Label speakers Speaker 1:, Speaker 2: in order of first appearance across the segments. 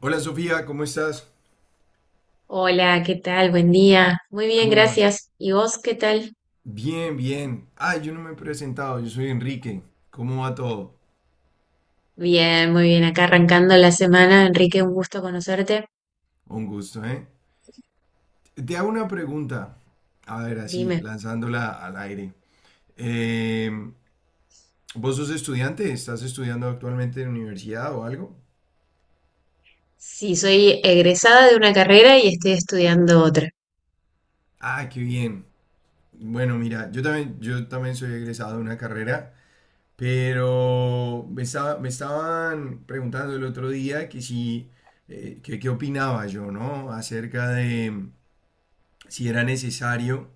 Speaker 1: Hola, Sofía, ¿cómo estás?
Speaker 2: Hola, ¿qué tal? Buen día. Muy bien,
Speaker 1: ¿Cómo vas?
Speaker 2: gracias. ¿Y vos qué tal?
Speaker 1: Bien, bien. Ah, yo no me he presentado, yo soy Enrique. ¿Cómo va todo?
Speaker 2: Bien, muy bien. Acá arrancando la semana. Enrique, un gusto conocerte.
Speaker 1: Un gusto, ¿eh? Te hago una pregunta. A ver, así,
Speaker 2: Dime.
Speaker 1: lanzándola al aire. Eh, ¿Vos sos estudiante? ¿Estás estudiando actualmente en la universidad o algo?
Speaker 2: Sí, soy egresada de una carrera y estoy estudiando otra.
Speaker 1: Ah, qué bien. Bueno, mira, yo también soy egresado de una carrera. Pero me estaban preguntando el otro día que si, que qué opinaba yo, ¿no? Acerca de si era necesario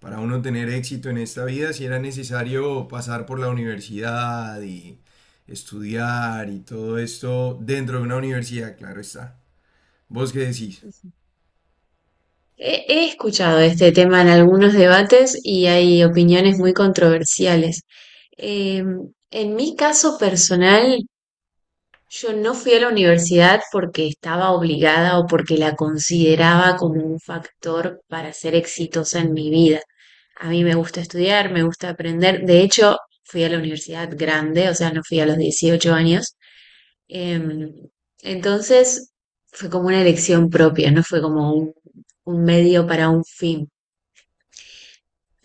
Speaker 1: para uno tener éxito en esta vida, si era necesario pasar por la universidad y estudiar y todo esto dentro de una universidad, claro está. ¿Vos qué decís?
Speaker 2: Ujú. He escuchado este tema en algunos debates y hay opiniones muy controversiales. En mi caso personal, yo no fui a la universidad porque estaba obligada o porque la consideraba como un factor para ser exitosa en mi vida. A mí me gusta estudiar, me gusta aprender. De hecho, fui a la universidad grande, o sea, no fui a los 18 años. Em, entonces, fue como una elección propia, no fue como un medio para un fin.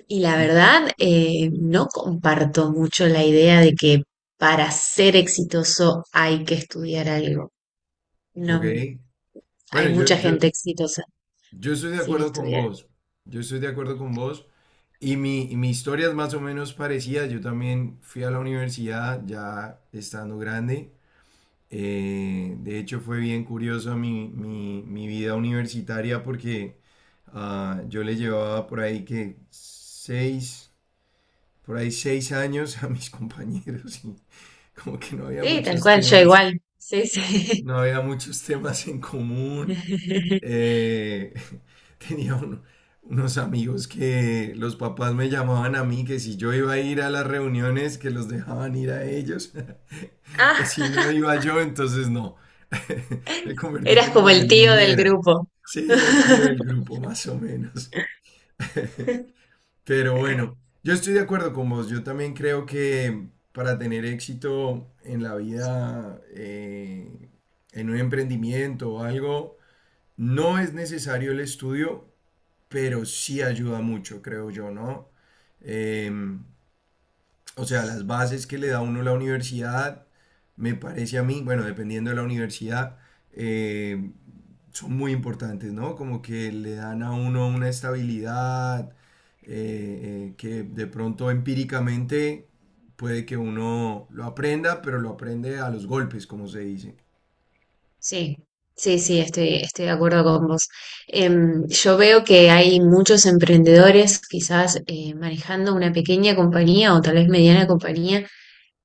Speaker 2: Y la
Speaker 1: Mi-
Speaker 2: verdad, no comparto mucho la idea de que para ser exitoso hay que estudiar algo. No,
Speaker 1: Ok.
Speaker 2: hay
Speaker 1: Bueno, yo,
Speaker 2: mucha
Speaker 1: yo,
Speaker 2: gente exitosa
Speaker 1: yo estoy de
Speaker 2: sin
Speaker 1: acuerdo con
Speaker 2: estudiar.
Speaker 1: vos. Yo estoy de acuerdo con vos. Y mi historia es más o menos parecida. Yo también fui a la universidad ya estando grande. De hecho, fue bien curiosa mi vida universitaria porque yo le llevaba por ahí que por ahí seis años a mis compañeros y como que no había
Speaker 2: Sí, tal
Speaker 1: muchos
Speaker 2: cual, yo
Speaker 1: temas,
Speaker 2: igual. Sí, sí.
Speaker 1: no había muchos temas en común eh, tenía un- unos amigos que los papás me llamaban a mí, que si yo iba a ir a las reuniones, que los dejaban ir a ellos,
Speaker 2: Ah,
Speaker 1: que si no iba yo, entonces no. Me convertí
Speaker 2: eras como
Speaker 1: como
Speaker 2: el
Speaker 1: en
Speaker 2: tío del
Speaker 1: niñera.
Speaker 2: grupo.
Speaker 1: Sí, el tío del grupo, más o menos. Pero bueno, yo estoy de acuerdo con vos. Yo también creo que para tener éxito en la vida, en un emprendimiento o algo, no es necesario el estudio, pero sí ayuda mucho, creo yo, ¿no? Em, o sea, las bases que le da uno la universidad, me parece a mí, bueno, dependiendo de la universidad, eh, son muy importantes, ¿no? Como que le dan a uno una estabilidad que de pronto empíricamente puede que uno lo aprenda, pero lo aprende a los golpes, como se dice.
Speaker 2: Sí, sí, sí, estoy de acuerdo con vos. Yo veo que hay muchos emprendedores, quizás manejando una pequeña compañía o tal vez mediana compañía,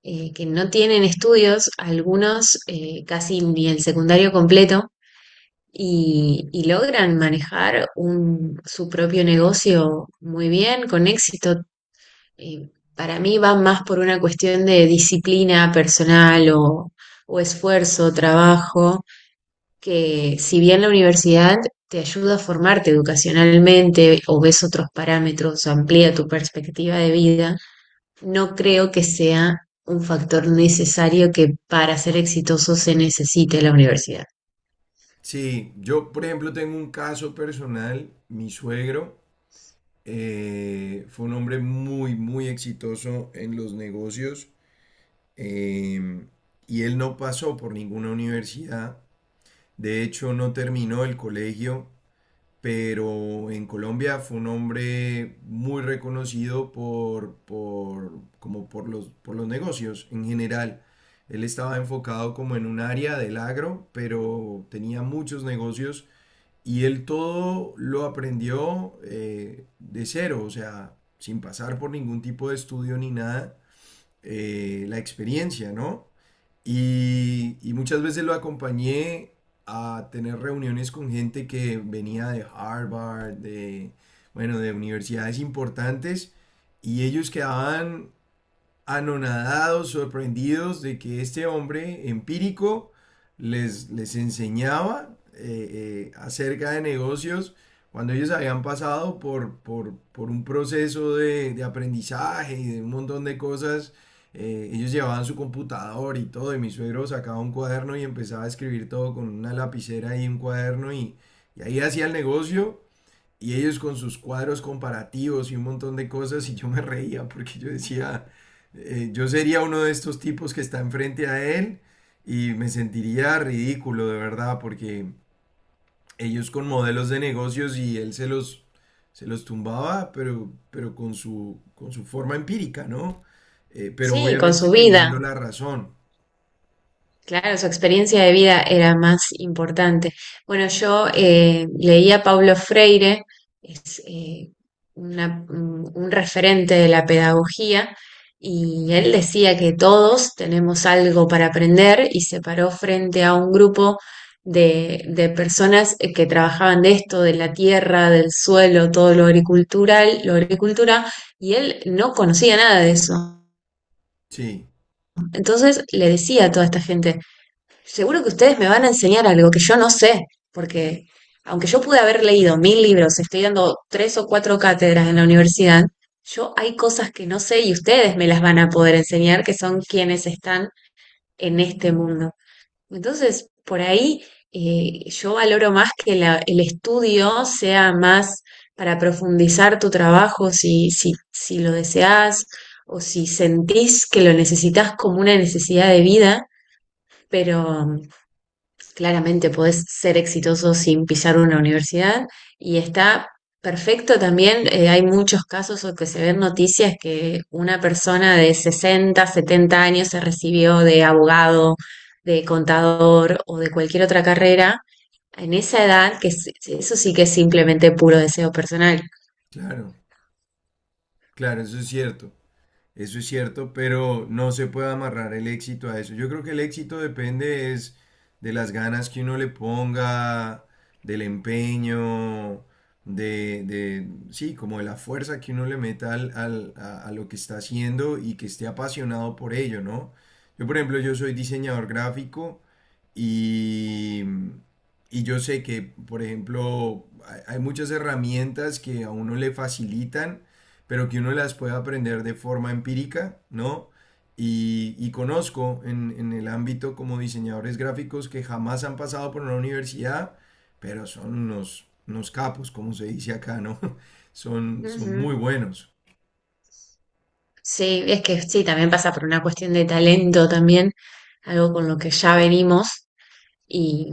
Speaker 2: que no tienen estudios, algunos casi ni el secundario completo. Y logran manejar un- su propio negocio muy bien, con éxito. Eh, para mí va más por una cuestión de disciplina personal o esfuerzo, trabajo, que si bien la universidad te ayuda a formarte educacionalmente o ves otros parámetros amplía tu perspectiva de vida, no creo que sea un factor necesario que para ser exitoso se necesite la universidad.
Speaker 1: Sí, yo por ejemplo tengo un caso personal, mi suegro fue un hombre muy, muy exitoso en los negocios eh, y él no pasó por ninguna universidad, de hecho no terminó el colegio, pero en Colombia fue un hombre muy reconocido por como por los negocios en general. Él estaba enfocado como en un área del agro, pero tenía muchos negocios y él todo lo aprendió de cero, o sea, sin pasar por ningún tipo de estudio ni nada, la experiencia, ¿no? Y muchas veces lo acompañé a tener reuniones con gente que venía de Harvard, de, bueno, de universidades importantes, y ellos quedaban anonadados, sorprendidos de que este hombre empírico les enseñaba acerca de negocios cuando ellos habían pasado por un proceso de aprendizaje y de un montón de cosas. Ellos llevaban su computador y todo, y mi suegro sacaba un cuaderno y empezaba a escribir todo con una lapicera y un cuaderno y ahí hacía el negocio y ellos con sus cuadros comparativos y un montón de cosas, y yo me reía porque yo decía, yo sería uno de estos tipos que está enfrente a él y me sentiría ridículo de verdad porque ellos con modelos de negocios y él se los tumbaba, pero con su forma empírica, ¿no? Pero
Speaker 2: Sí, con
Speaker 1: obviamente
Speaker 2: su vida.
Speaker 1: teniendo la razón.
Speaker 2: Claro, su experiencia de vida era más importante. Bueno, yo leía a Paulo Freire, es un referente de la pedagogía, y él decía que todos tenemos algo para aprender y se paró frente a un grupo de personas que trabajaban de esto, de la tierra, del suelo, todo lo agricultura, y él no conocía nada de eso.
Speaker 1: Sí,
Speaker 2: Entonces le decía a toda esta gente, seguro que ustedes me van a enseñar algo que yo no sé, porque aunque yo pude haber leído 1.000 libros, estoy dando tres o cuatro cátedras en la universidad, yo hay cosas que no sé y ustedes me las van a poder enseñar, que son quienes están en este mundo. Entonces, por ahí yo valoro más que el estudio sea más para profundizar tu trabajo, si lo deseas o si sentís que lo necesitas como una necesidad de vida, pero claramente podés ser exitoso sin pisar una universidad y está perfecto también. Hay muchos casos o que se ven noticias que una persona de 60, 70 años se recibió de abogado, de contador o de cualquier otra carrera en esa edad, que es- eso sí que es simplemente puro deseo personal.
Speaker 1: claro, claro, eso es cierto. Eso es cierto, pero no se puede amarrar el éxito a eso. Yo creo que el éxito depende es de las ganas que uno le ponga, del empeño, de sí, como de la fuerza que uno le meta a lo que está haciendo y que esté apasionado por ello, ¿no? Yo, por ejemplo, yo soy diseñador gráfico y, y yo sé que, por ejemplo, hay muchas herramientas que a uno le facilitan pero que uno las pueda aprender de forma empírica, ¿no? Y conozco en el ámbito como diseñadores gráficos que jamás han pasado por una universidad, pero son unos capos, como se dice acá, ¿no? Son
Speaker 2: Ujú.
Speaker 1: muy buenos.
Speaker 2: Sí, es que sí, también pasa por una cuestión de talento también, algo con lo que ya venimos. Y,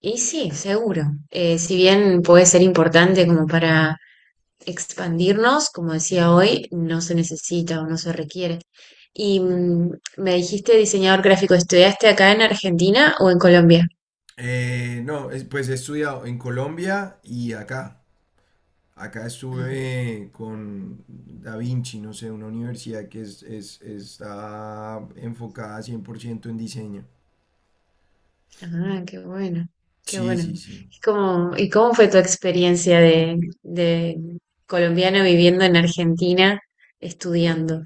Speaker 2: y sí, seguro. Si bien puede ser importante como para expandirnos, como decía hoy, no se necesita o no se requiere. Y me dijiste diseñador gráfico, ¿estudiaste acá en Argentina o en Colombia?
Speaker 1: No, es- Pues he estudiado en Colombia y acá. Acá
Speaker 2: Ah,
Speaker 1: estuve con Da Vinci, no sé, una universidad que está enfocada 100% en diseño.
Speaker 2: ah, qué bueno, qué
Speaker 1: Sí,
Speaker 2: bueno.
Speaker 1: sí, sí.
Speaker 2: Es como, ¿y cómo fue tu experiencia de colombiano viviendo en Argentina estudiando?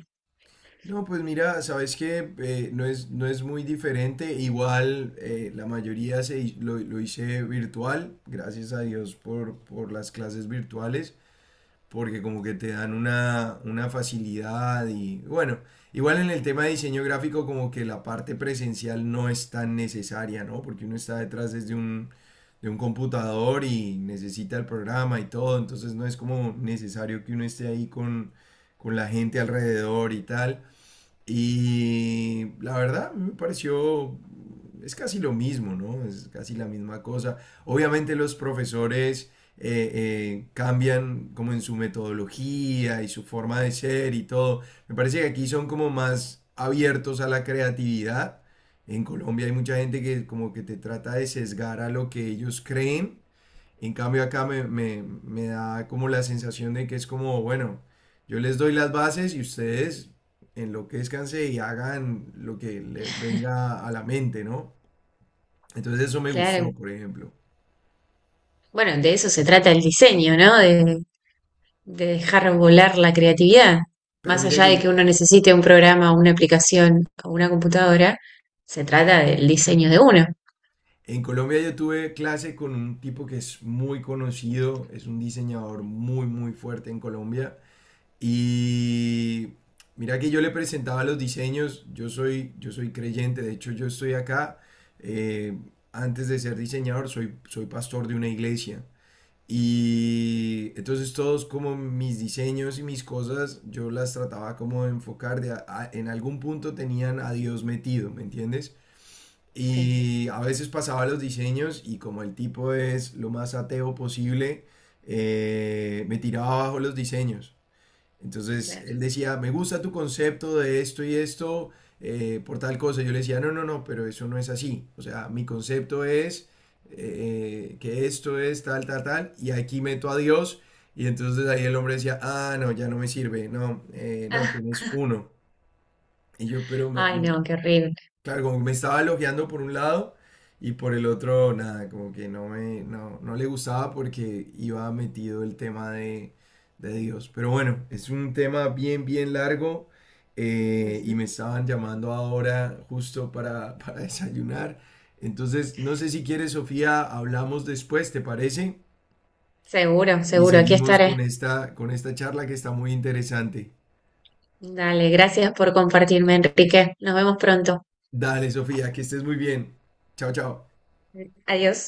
Speaker 1: No, pues mira, sabes que no no es muy diferente. Igual la mayoría lo hice virtual, gracias a Dios por las clases virtuales, porque como que te dan una facilidad y bueno, igual en el tema de diseño gráfico como que la parte presencial no es tan necesaria, ¿no? Porque uno está detrás desde de un computador y necesita el programa y todo, entonces no es como necesario que uno esté ahí con la gente alrededor y tal. Y la verdad, me pareció, es casi lo mismo, ¿no? Es casi la misma cosa. Obviamente los profesores cambian como en su metodología y su forma de ser y todo. Me parece que aquí son como más abiertos a la creatividad. En Colombia hay mucha gente que como que te trata de sesgar a lo que ellos creen, en cambio acá me da como la sensación de que es como, bueno, yo les doy las bases y ustedes enloquézcanse y hagan lo que les venga a la mente, ¿no? Entonces eso me
Speaker 2: Claro,
Speaker 1: gustó, por ejemplo.
Speaker 2: bueno, de eso se trata el diseño, ¿no? De dejar volar la creatividad,
Speaker 1: Pero
Speaker 2: más
Speaker 1: mira
Speaker 2: allá
Speaker 1: que
Speaker 2: de que uno necesite un programa, una aplicación o una computadora, se trata del diseño de uno.
Speaker 1: en Colombia yo tuve clase con un tipo que es muy conocido, es un diseñador muy, muy fuerte en Colombia. Y mira que yo le presentaba los diseños, yo soy creyente, de hecho yo estoy acá, eh, antes de ser diseñador soy pastor de una iglesia. Y entonces todos como mis diseños y mis cosas, yo las trataba como de enfocar, en algún punto tenían a Dios metido, ¿me entiendes?
Speaker 2: Sí,
Speaker 1: Y a veces pasaba los diseños y como el tipo es lo más ateo posible, me tiraba abajo los diseños. Entonces
Speaker 2: claro.
Speaker 1: él decía, me gusta tu concepto de esto y esto por tal cosa. Yo le decía, no, no, no, pero eso no es así. O sea, mi concepto es que esto es tal, tal, tal, y aquí meto a Dios. Y entonces ahí el hombre decía, ah, no, ya no me sirve, no, no, tenés uno. Y yo, pero
Speaker 2: Ah, ay, no, qué horrible.
Speaker 1: claro, como que me estaba elogiando por un lado y por el otro, nada, como que no no le gustaba porque iba metido el tema de Dios. Pero bueno, es un tema bien, bien largo y
Speaker 2: Ujú.
Speaker 1: me estaban llamando ahora justo para desayunar. Entonces, no sé si quieres, Sofía, hablamos después, ¿te parece?
Speaker 2: Seguro,
Speaker 1: Y
Speaker 2: seguro, aquí
Speaker 1: seguimos
Speaker 2: estaré.
Speaker 1: con esta charla que está muy interesante.
Speaker 2: Dale, gracias por compartirme, Enrique. Nos vemos pronto.
Speaker 1: Dale, Sofía, que estés muy bien. Chao, chao.
Speaker 2: Adiós.